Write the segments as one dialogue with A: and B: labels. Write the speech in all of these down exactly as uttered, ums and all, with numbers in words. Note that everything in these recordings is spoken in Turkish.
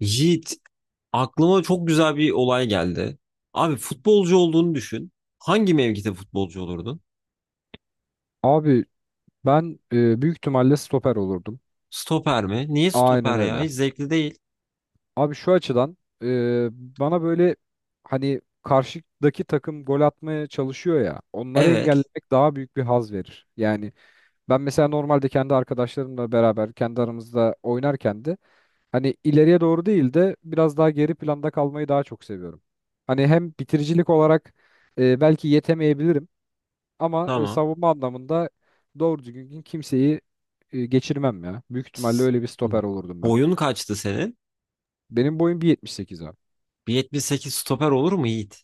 A: Yiğit, aklıma çok güzel bir olay geldi. Abi futbolcu olduğunu düşün. Hangi mevkide futbolcu olurdun?
B: Abi ben e, büyük ihtimalle stoper olurdum.
A: Stoper mi? Niye
B: Aynen
A: stoper ya?
B: öyle.
A: Hiç zevkli değil.
B: Abi şu açıdan e, bana böyle hani karşıdaki takım gol atmaya çalışıyor ya onları
A: Evet,
B: engellemek daha büyük bir haz verir. Yani ben mesela normalde kendi arkadaşlarımla beraber kendi aramızda oynarken de hani ileriye doğru değil de biraz daha geri planda kalmayı daha çok seviyorum. Hani hem bitiricilik olarak e, belki yetemeyebilirim. Ama e,
A: tamam.
B: savunma anlamında doğru düzgün kimseyi e, geçirmem ya. Büyük ihtimalle
A: S-
B: öyle bir stoper olurdum ben.
A: Boyun kaçtı senin?
B: Benim boyum bir yetmiş sekiz abi.
A: bir yetmiş sekiz stoper olur mu Yiğit?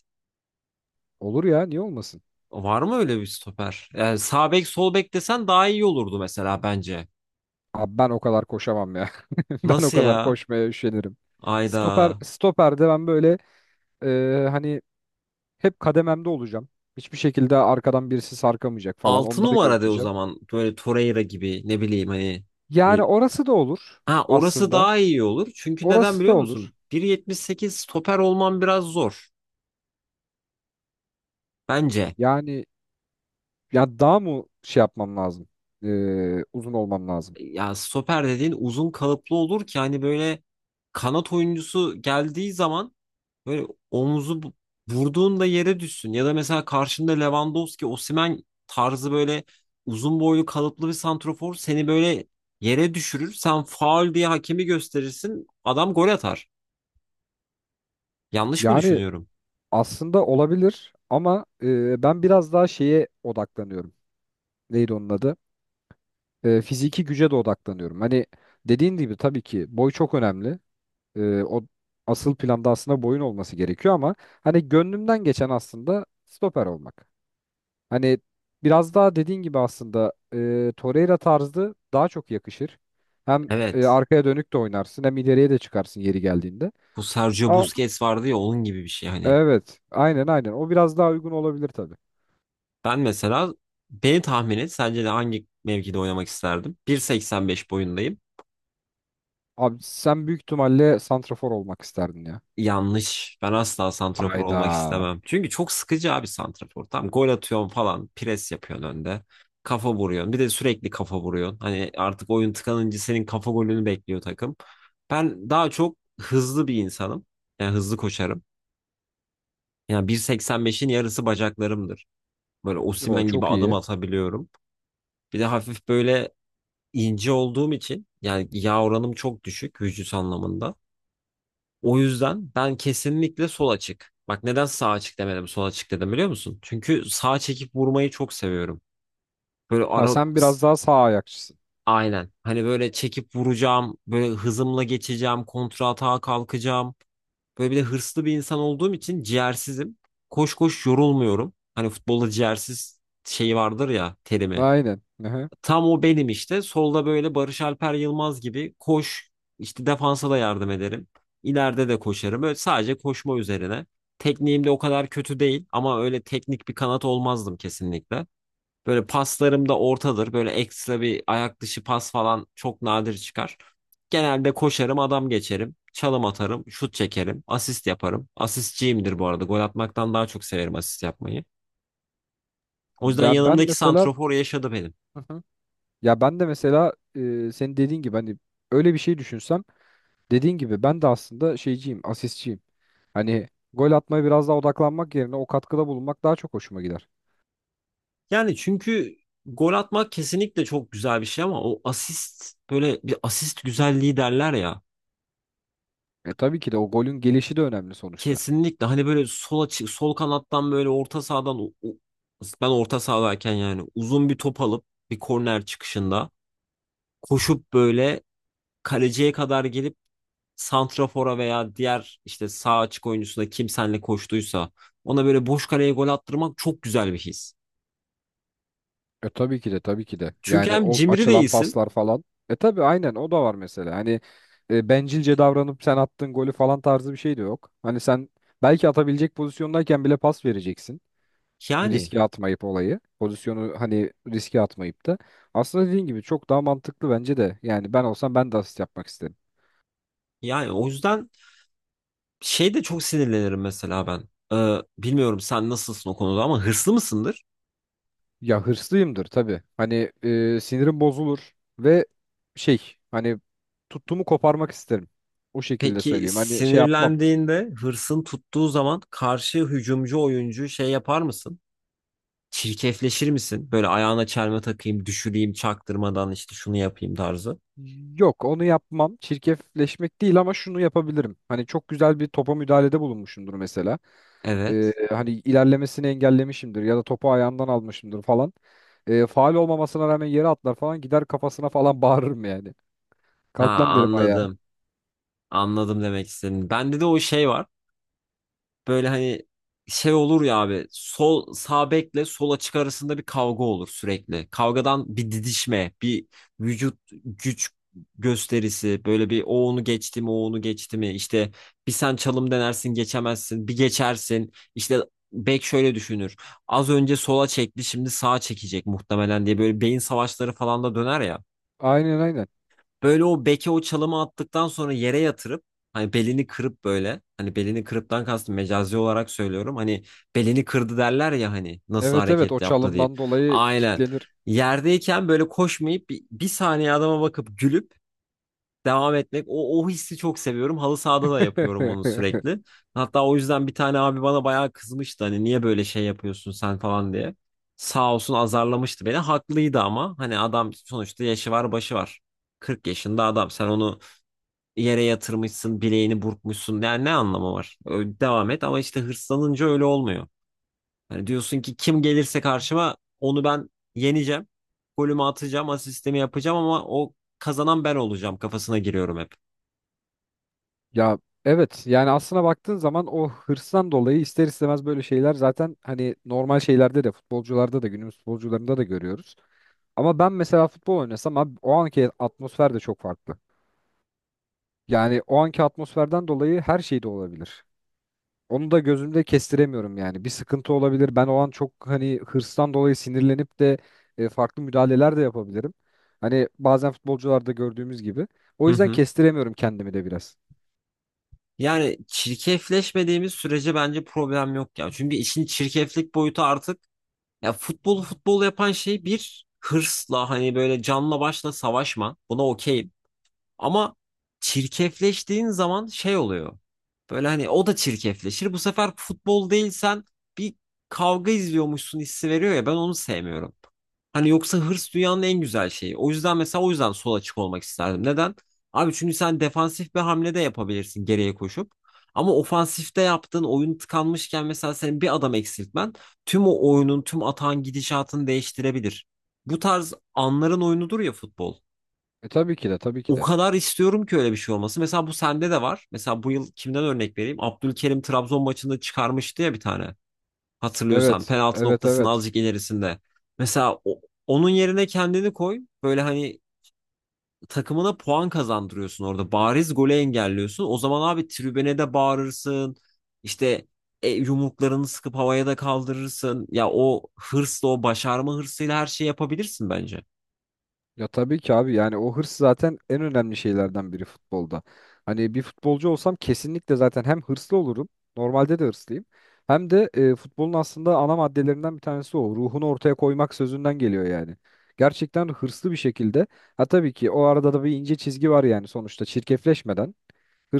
B: Olur ya niye olmasın?
A: Var mı öyle bir stoper? Yani sağ bek sol bek desen daha iyi olurdu mesela bence.
B: Abi ben o kadar koşamam ya. Ben o
A: Nasıl
B: kadar
A: ya?
B: koşmaya üşenirim. Stoper
A: Ayda.
B: stoperde ben böyle e, hani hep kadememde olacağım. Hiçbir şekilde arkadan birisi sarkamayacak falan.
A: Altı
B: Onları
A: numara de o
B: gözleyeceğim.
A: zaman. Böyle Torreira gibi ne bileyim hani
B: Yani
A: e,
B: orası da olur
A: ha, orası
B: aslında.
A: daha iyi olur. Çünkü neden
B: Orası da
A: biliyor
B: olur.
A: musun? bir yetmiş sekiz stoper olman biraz zor. Bence.
B: Yani ya daha mı şey yapmam lazım? E, Uzun olmam lazım.
A: Ya stoper dediğin uzun kalıplı olur ki hani böyle kanat oyuncusu geldiği zaman böyle omuzu bu- vurduğunda yere düşsün. Ya da mesela karşında Lewandowski, Osimhen tarzı böyle uzun boylu kalıplı bir santrofor seni böyle yere düşürür. Sen faul diye hakemi gösterirsin. Adam gol atar. Yanlış mı
B: Yani
A: düşünüyorum?
B: aslında olabilir ama e, ben biraz daha şeye odaklanıyorum. Neydi onun adı? E, fiziki güce de odaklanıyorum. Hani dediğin gibi tabii ki boy çok önemli. E, o asıl planda aslında boyun olması gerekiyor ama hani gönlümden geçen aslında stoper olmak. Hani biraz daha dediğin gibi aslında e, Torreira tarzı daha çok yakışır. Hem e,
A: Evet.
B: arkaya dönük de oynarsın hem ileriye de çıkarsın yeri geldiğinde.
A: Bu Sergio
B: Ama
A: Busquets vardı ya, onun gibi bir şey hani.
B: evet, aynen aynen, o biraz daha uygun olabilir tabii.
A: Ben mesela, beni tahmin et, sence de hangi mevkide oynamak isterdim? bir seksen beş boyundayım.
B: Abi sen büyük ihtimalle santrafor olmak isterdin ya.
A: Yanlış. Ben asla
B: Evet.
A: santrafor olmak
B: Hayda.
A: istemem. Çünkü çok sıkıcı abi santrafor. Tam gol atıyorsun falan, pres yapıyorsun önde. Kafa vuruyorsun. Bir de sürekli kafa vuruyorsun. Hani artık oyun tıkanınca senin kafa golünü bekliyor takım. Ben daha çok hızlı bir insanım. Yani hızlı koşarım. Yani bir seksen beşin yarısı bacaklarımdır. Böyle
B: O
A: Osimhen gibi
B: çok
A: adım
B: iyi.
A: atabiliyorum. Bir de hafif böyle ince olduğum için, yani yağ oranım çok düşük vücut anlamında. O yüzden ben kesinlikle sol açık. Bak, neden sağ açık demedim, sol açık dedim biliyor musun? Çünkü sağ çekip vurmayı çok seviyorum. Böyle
B: Ha
A: ara
B: sen biraz daha sağ ayakçısın.
A: aynen. Hani böyle çekip vuracağım, böyle hızımla geçeceğim, kontra atağa kalkacağım. Böyle bir de hırslı bir insan olduğum için ciğersizim. Koş koş yorulmuyorum. Hani futbolda ciğersiz şeyi vardır ya, terimi.
B: Aynen. Hı.
A: Tam o benim işte. Solda böyle Barış Alper Yılmaz gibi koş. İşte defansa da yardım ederim. İleride de koşarım. Böyle sadece koşma üzerine. Tekniğim de o kadar kötü değil ama öyle teknik bir kanat olmazdım kesinlikle. Böyle paslarım da ortadır. Böyle ekstra bir ayak dışı pas falan çok nadir çıkar. Genelde koşarım, adam geçerim, çalım atarım, şut çekerim, asist yaparım. Asistçiyimdir bu arada. Gol atmaktan daha çok severim asist yapmayı. O yüzden
B: Ben, ben
A: yanımdaki
B: mesela.
A: santrofor yaşadı benim.
B: Hı hı. Ya ben de mesela e, senin dediğin gibi hani öyle bir şey düşünsem, dediğin gibi ben de aslında şeyciyim, asistçiyim. Hani gol atmaya biraz daha odaklanmak yerine o katkıda bulunmak daha çok hoşuma gider.
A: Yani çünkü gol atmak kesinlikle çok güzel bir şey ama o asist, böyle bir asist güzelliği derler ya.
B: E tabii ki de o golün gelişi de önemli sonuçta.
A: Kesinlikle hani böyle sol açı, sol kanattan böyle orta sahadan u- u- ben orta sahadayken, yani uzun bir top alıp bir korner çıkışında koşup böyle kaleciye kadar gelip santrafora veya diğer işte sağ açık oyuncusuna, kim senle koştuysa ona böyle boş kaleye gol attırmak çok güzel bir his.
B: E tabii ki de tabii ki de.
A: Çünkü
B: Yani
A: hem
B: o
A: cimri
B: açılan
A: değilsin,
B: paslar falan. E tabii aynen o da var mesela. Hani e, bencilce davranıp sen attığın golü falan tarzı bir şey de yok. Hani sen belki atabilecek pozisyondayken bile pas vereceksin.
A: yani
B: Riske atmayıp olayı. Pozisyonu hani riske atmayıp da. Aslında dediğin gibi çok daha mantıklı bence de. Yani ben olsam ben de asist yapmak isterim.
A: yani o yüzden şey, de çok sinirlenirim mesela ben. Ee, bilmiyorum sen nasılsın o konuda, ama hırslı mısındır?
B: Ya hırslıyımdır tabii. Hani e, sinirim bozulur ve şey hani tuttuğumu koparmak isterim. O şekilde
A: Peki
B: söyleyeyim. Hani şey yapmam.
A: sinirlendiğinde, hırsın tuttuğu zaman, karşı hücumcu oyuncu şey yapar mısın? Çirkefleşir misin? Böyle ayağına çelme takayım, düşüreyim çaktırmadan, işte şunu yapayım tarzı.
B: Yok, onu yapmam. Çirkefleşmek değil ama şunu yapabilirim. Hani çok güzel bir topa müdahalede bulunmuşumdur mesela. Ee,
A: Evet.
B: hani ilerlemesini engellemişimdir ya da topu ayağından almışımdır falan. Ee, faul olmamasına rağmen yere atlar falan, gider kafasına falan bağırırım yani.
A: Ha,
B: Kalk lan derim ayağa.
A: anladım. Anladım demek istediğini. Bende de o şey var. Böyle hani şey olur ya abi, sol sağ bekle sol açık arasında bir kavga olur sürekli. Kavgadan bir didişme, bir vücut, güç gösterisi, böyle bir o onu geçti mi, o onu geçti mi, işte bir sen çalım denersin, geçemezsin, bir geçersin, işte bek şöyle düşünür, az önce sola çekti, şimdi sağa çekecek muhtemelen diye, böyle beyin savaşları falan da döner ya.
B: Aynen aynen.
A: Böyle o beke o çalımı attıktan sonra yere yatırıp, hani belini kırıp, böyle hani belini kırıptan kastım mecazi olarak söylüyorum. Hani belini kırdı derler ya, hani nasıl
B: Evet evet, o
A: hareket yaptı
B: çalımdan
A: deyip.
B: dolayı
A: Aynen.
B: kitlenir.
A: Yerdeyken böyle koşmayıp bir, bir saniye adama bakıp gülüp devam etmek. O, o hissi çok seviyorum. Halı sahada da yapıyorum bunu sürekli. Hatta o yüzden bir tane abi bana bayağı kızmıştı. Hani niye böyle şey yapıyorsun sen falan diye. Sağ olsun, azarlamıştı beni. Haklıydı ama, hani adam sonuçta yaşı var, başı var. kırk yaşında adam. Sen onu yere yatırmışsın, bileğini burkmuşsun. Yani ne anlamı var? Ö- Devam et, ama işte hırslanınca öyle olmuyor. Hani diyorsun ki, kim gelirse karşıma onu ben yeneceğim. Golümü atacağım, asistimi yapacağım ama o kazanan ben olacağım kafasına giriyorum hep.
B: Ya evet, yani aslına baktığın zaman o hırstan dolayı ister istemez böyle şeyler zaten hani normal şeylerde de, futbolcularda da, günümüz futbolcularında da görüyoruz. Ama ben mesela futbol oynasam abi, o anki atmosfer de çok farklı. Yani o anki atmosferden dolayı her şey de olabilir. Onu da gözümde kestiremiyorum yani. Bir sıkıntı olabilir. Ben o an çok hani hırstan dolayı sinirlenip de e, farklı müdahaleler de yapabilirim. Hani bazen futbolcularda gördüğümüz gibi. O
A: Hı
B: yüzden
A: hı.
B: kestiremiyorum kendimi de biraz.
A: Yani çirkefleşmediğimiz sürece bence problem yok ya. Çünkü işin çirkeflik boyutu artık, ya futbolu futbol yapan şey bir hırsla hani böyle canla başla savaşma. Buna okeyim. Ama çirkefleştiğin zaman şey oluyor. Böyle hani o da çirkefleşir. Bu sefer futbol değil, sen bir kavga izliyormuşsun hissi veriyor ya, ben onu sevmiyorum. Hani yoksa hırs dünyanın en güzel şeyi. O yüzden mesela, o yüzden sol açık olmak isterdim. Neden? Abi, çünkü sen defansif bir hamle de yapabilirsin geriye koşup. Ama ofansifte, yaptığın oyun tıkanmışken mesela, senin bir adam eksiltmen tüm o oyunun, tüm atağın gidişatını değiştirebilir. Bu tarz anların oyunudur ya futbol.
B: E tabii ki de tabii ki
A: O
B: de.
A: kadar istiyorum ki öyle bir şey olması. Mesela bu sende de var. Mesela bu yıl kimden örnek vereyim? Abdülkerim Trabzon maçında çıkarmıştı ya bir tane. Hatırlıyorsan,
B: Evet,
A: penaltı
B: evet,
A: noktasının
B: evet.
A: azıcık ilerisinde. Mesela o- onun yerine kendini koy. Böyle hani takımına puan kazandırıyorsun orada. Bariz golü engelliyorsun. O zaman abi tribüne de bağırırsın. İşte e, yumruklarını sıkıp havaya da kaldırırsın. Ya o hırsla, o başarma hırsıyla her şeyi yapabilirsin bence.
B: Ya tabii ki abi, yani o hırs zaten en önemli şeylerden biri futbolda. Hani bir futbolcu olsam kesinlikle zaten hem hırslı olurum, normalde de hırslıyım. Hem de e, futbolun aslında ana maddelerinden bir tanesi o. Ruhunu ortaya koymak sözünden geliyor yani. Gerçekten hırslı bir şekilde. Ha tabii ki, o arada da bir ince çizgi var yani, sonuçta çirkefleşmeden,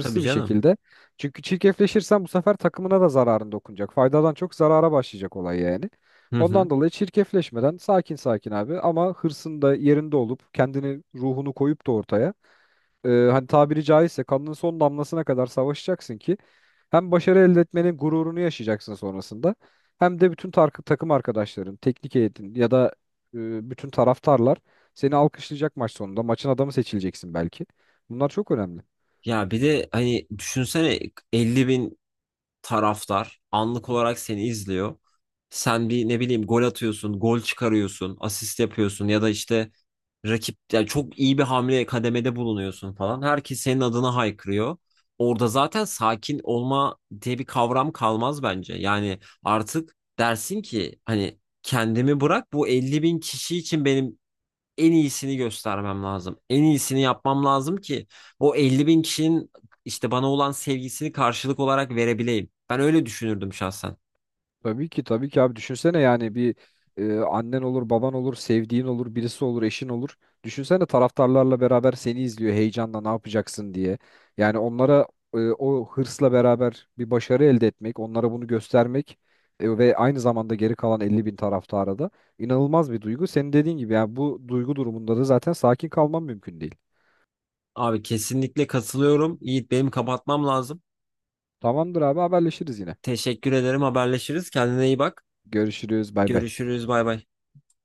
A: Tabii
B: bir
A: canım.
B: şekilde. Çünkü çirkefleşirsen bu sefer takımına da zararın dokunacak. Faydadan çok zarara başlayacak olay yani.
A: Hı
B: Ondan
A: hı.
B: dolayı çirkefleşmeden, sakin sakin abi, ama hırsın da yerinde olup kendini, ruhunu koyup da ortaya e, hani tabiri caizse kanının son damlasına kadar savaşacaksın ki hem başarı elde etmenin gururunu yaşayacaksın sonrasında, hem de bütün tar- takım arkadaşların, teknik heyetin ya da e, bütün taraftarlar seni alkışlayacak maç sonunda. Maçın adamı seçileceksin belki. Bunlar çok önemli.
A: Ya bir de hani düşünsene, elli bin taraftar anlık olarak seni izliyor. Sen bir, ne bileyim, gol atıyorsun, gol çıkarıyorsun, asist yapıyorsun ya da işte rakip, yani çok iyi bir hamle kademede bulunuyorsun falan. Herkes senin adına haykırıyor. Orada zaten sakin olma diye bir kavram kalmaz bence. Yani artık dersin ki, hani kendimi bırak, bu elli bin kişi için benim en iyisini göstermem lazım. En iyisini yapmam lazım ki o elli bin kişinin işte bana olan sevgisini karşılık olarak verebileyim. Ben öyle düşünürdüm şahsen.
B: Tabii ki tabii ki abi, düşünsene yani bir e, annen olur, baban olur, sevdiğin olur, birisi olur, eşin olur. Düşünsene taraftarlarla beraber seni izliyor heyecanla ne yapacaksın diye. Yani onlara e, o hırsla beraber bir başarı elde etmek, onlara bunu göstermek e, ve aynı zamanda geri kalan elli bin taraftara da inanılmaz bir duygu. Senin dediğin gibi yani bu duygu durumunda da zaten sakin kalmam mümkün değil.
A: Abi kesinlikle katılıyorum. Yiğit, benim kapatmam lazım.
B: Tamamdır abi, haberleşiriz yine.
A: Teşekkür ederim. Haberleşiriz. Kendine iyi bak.
B: Görüşürüz, bay bay.
A: Görüşürüz. Bay bay.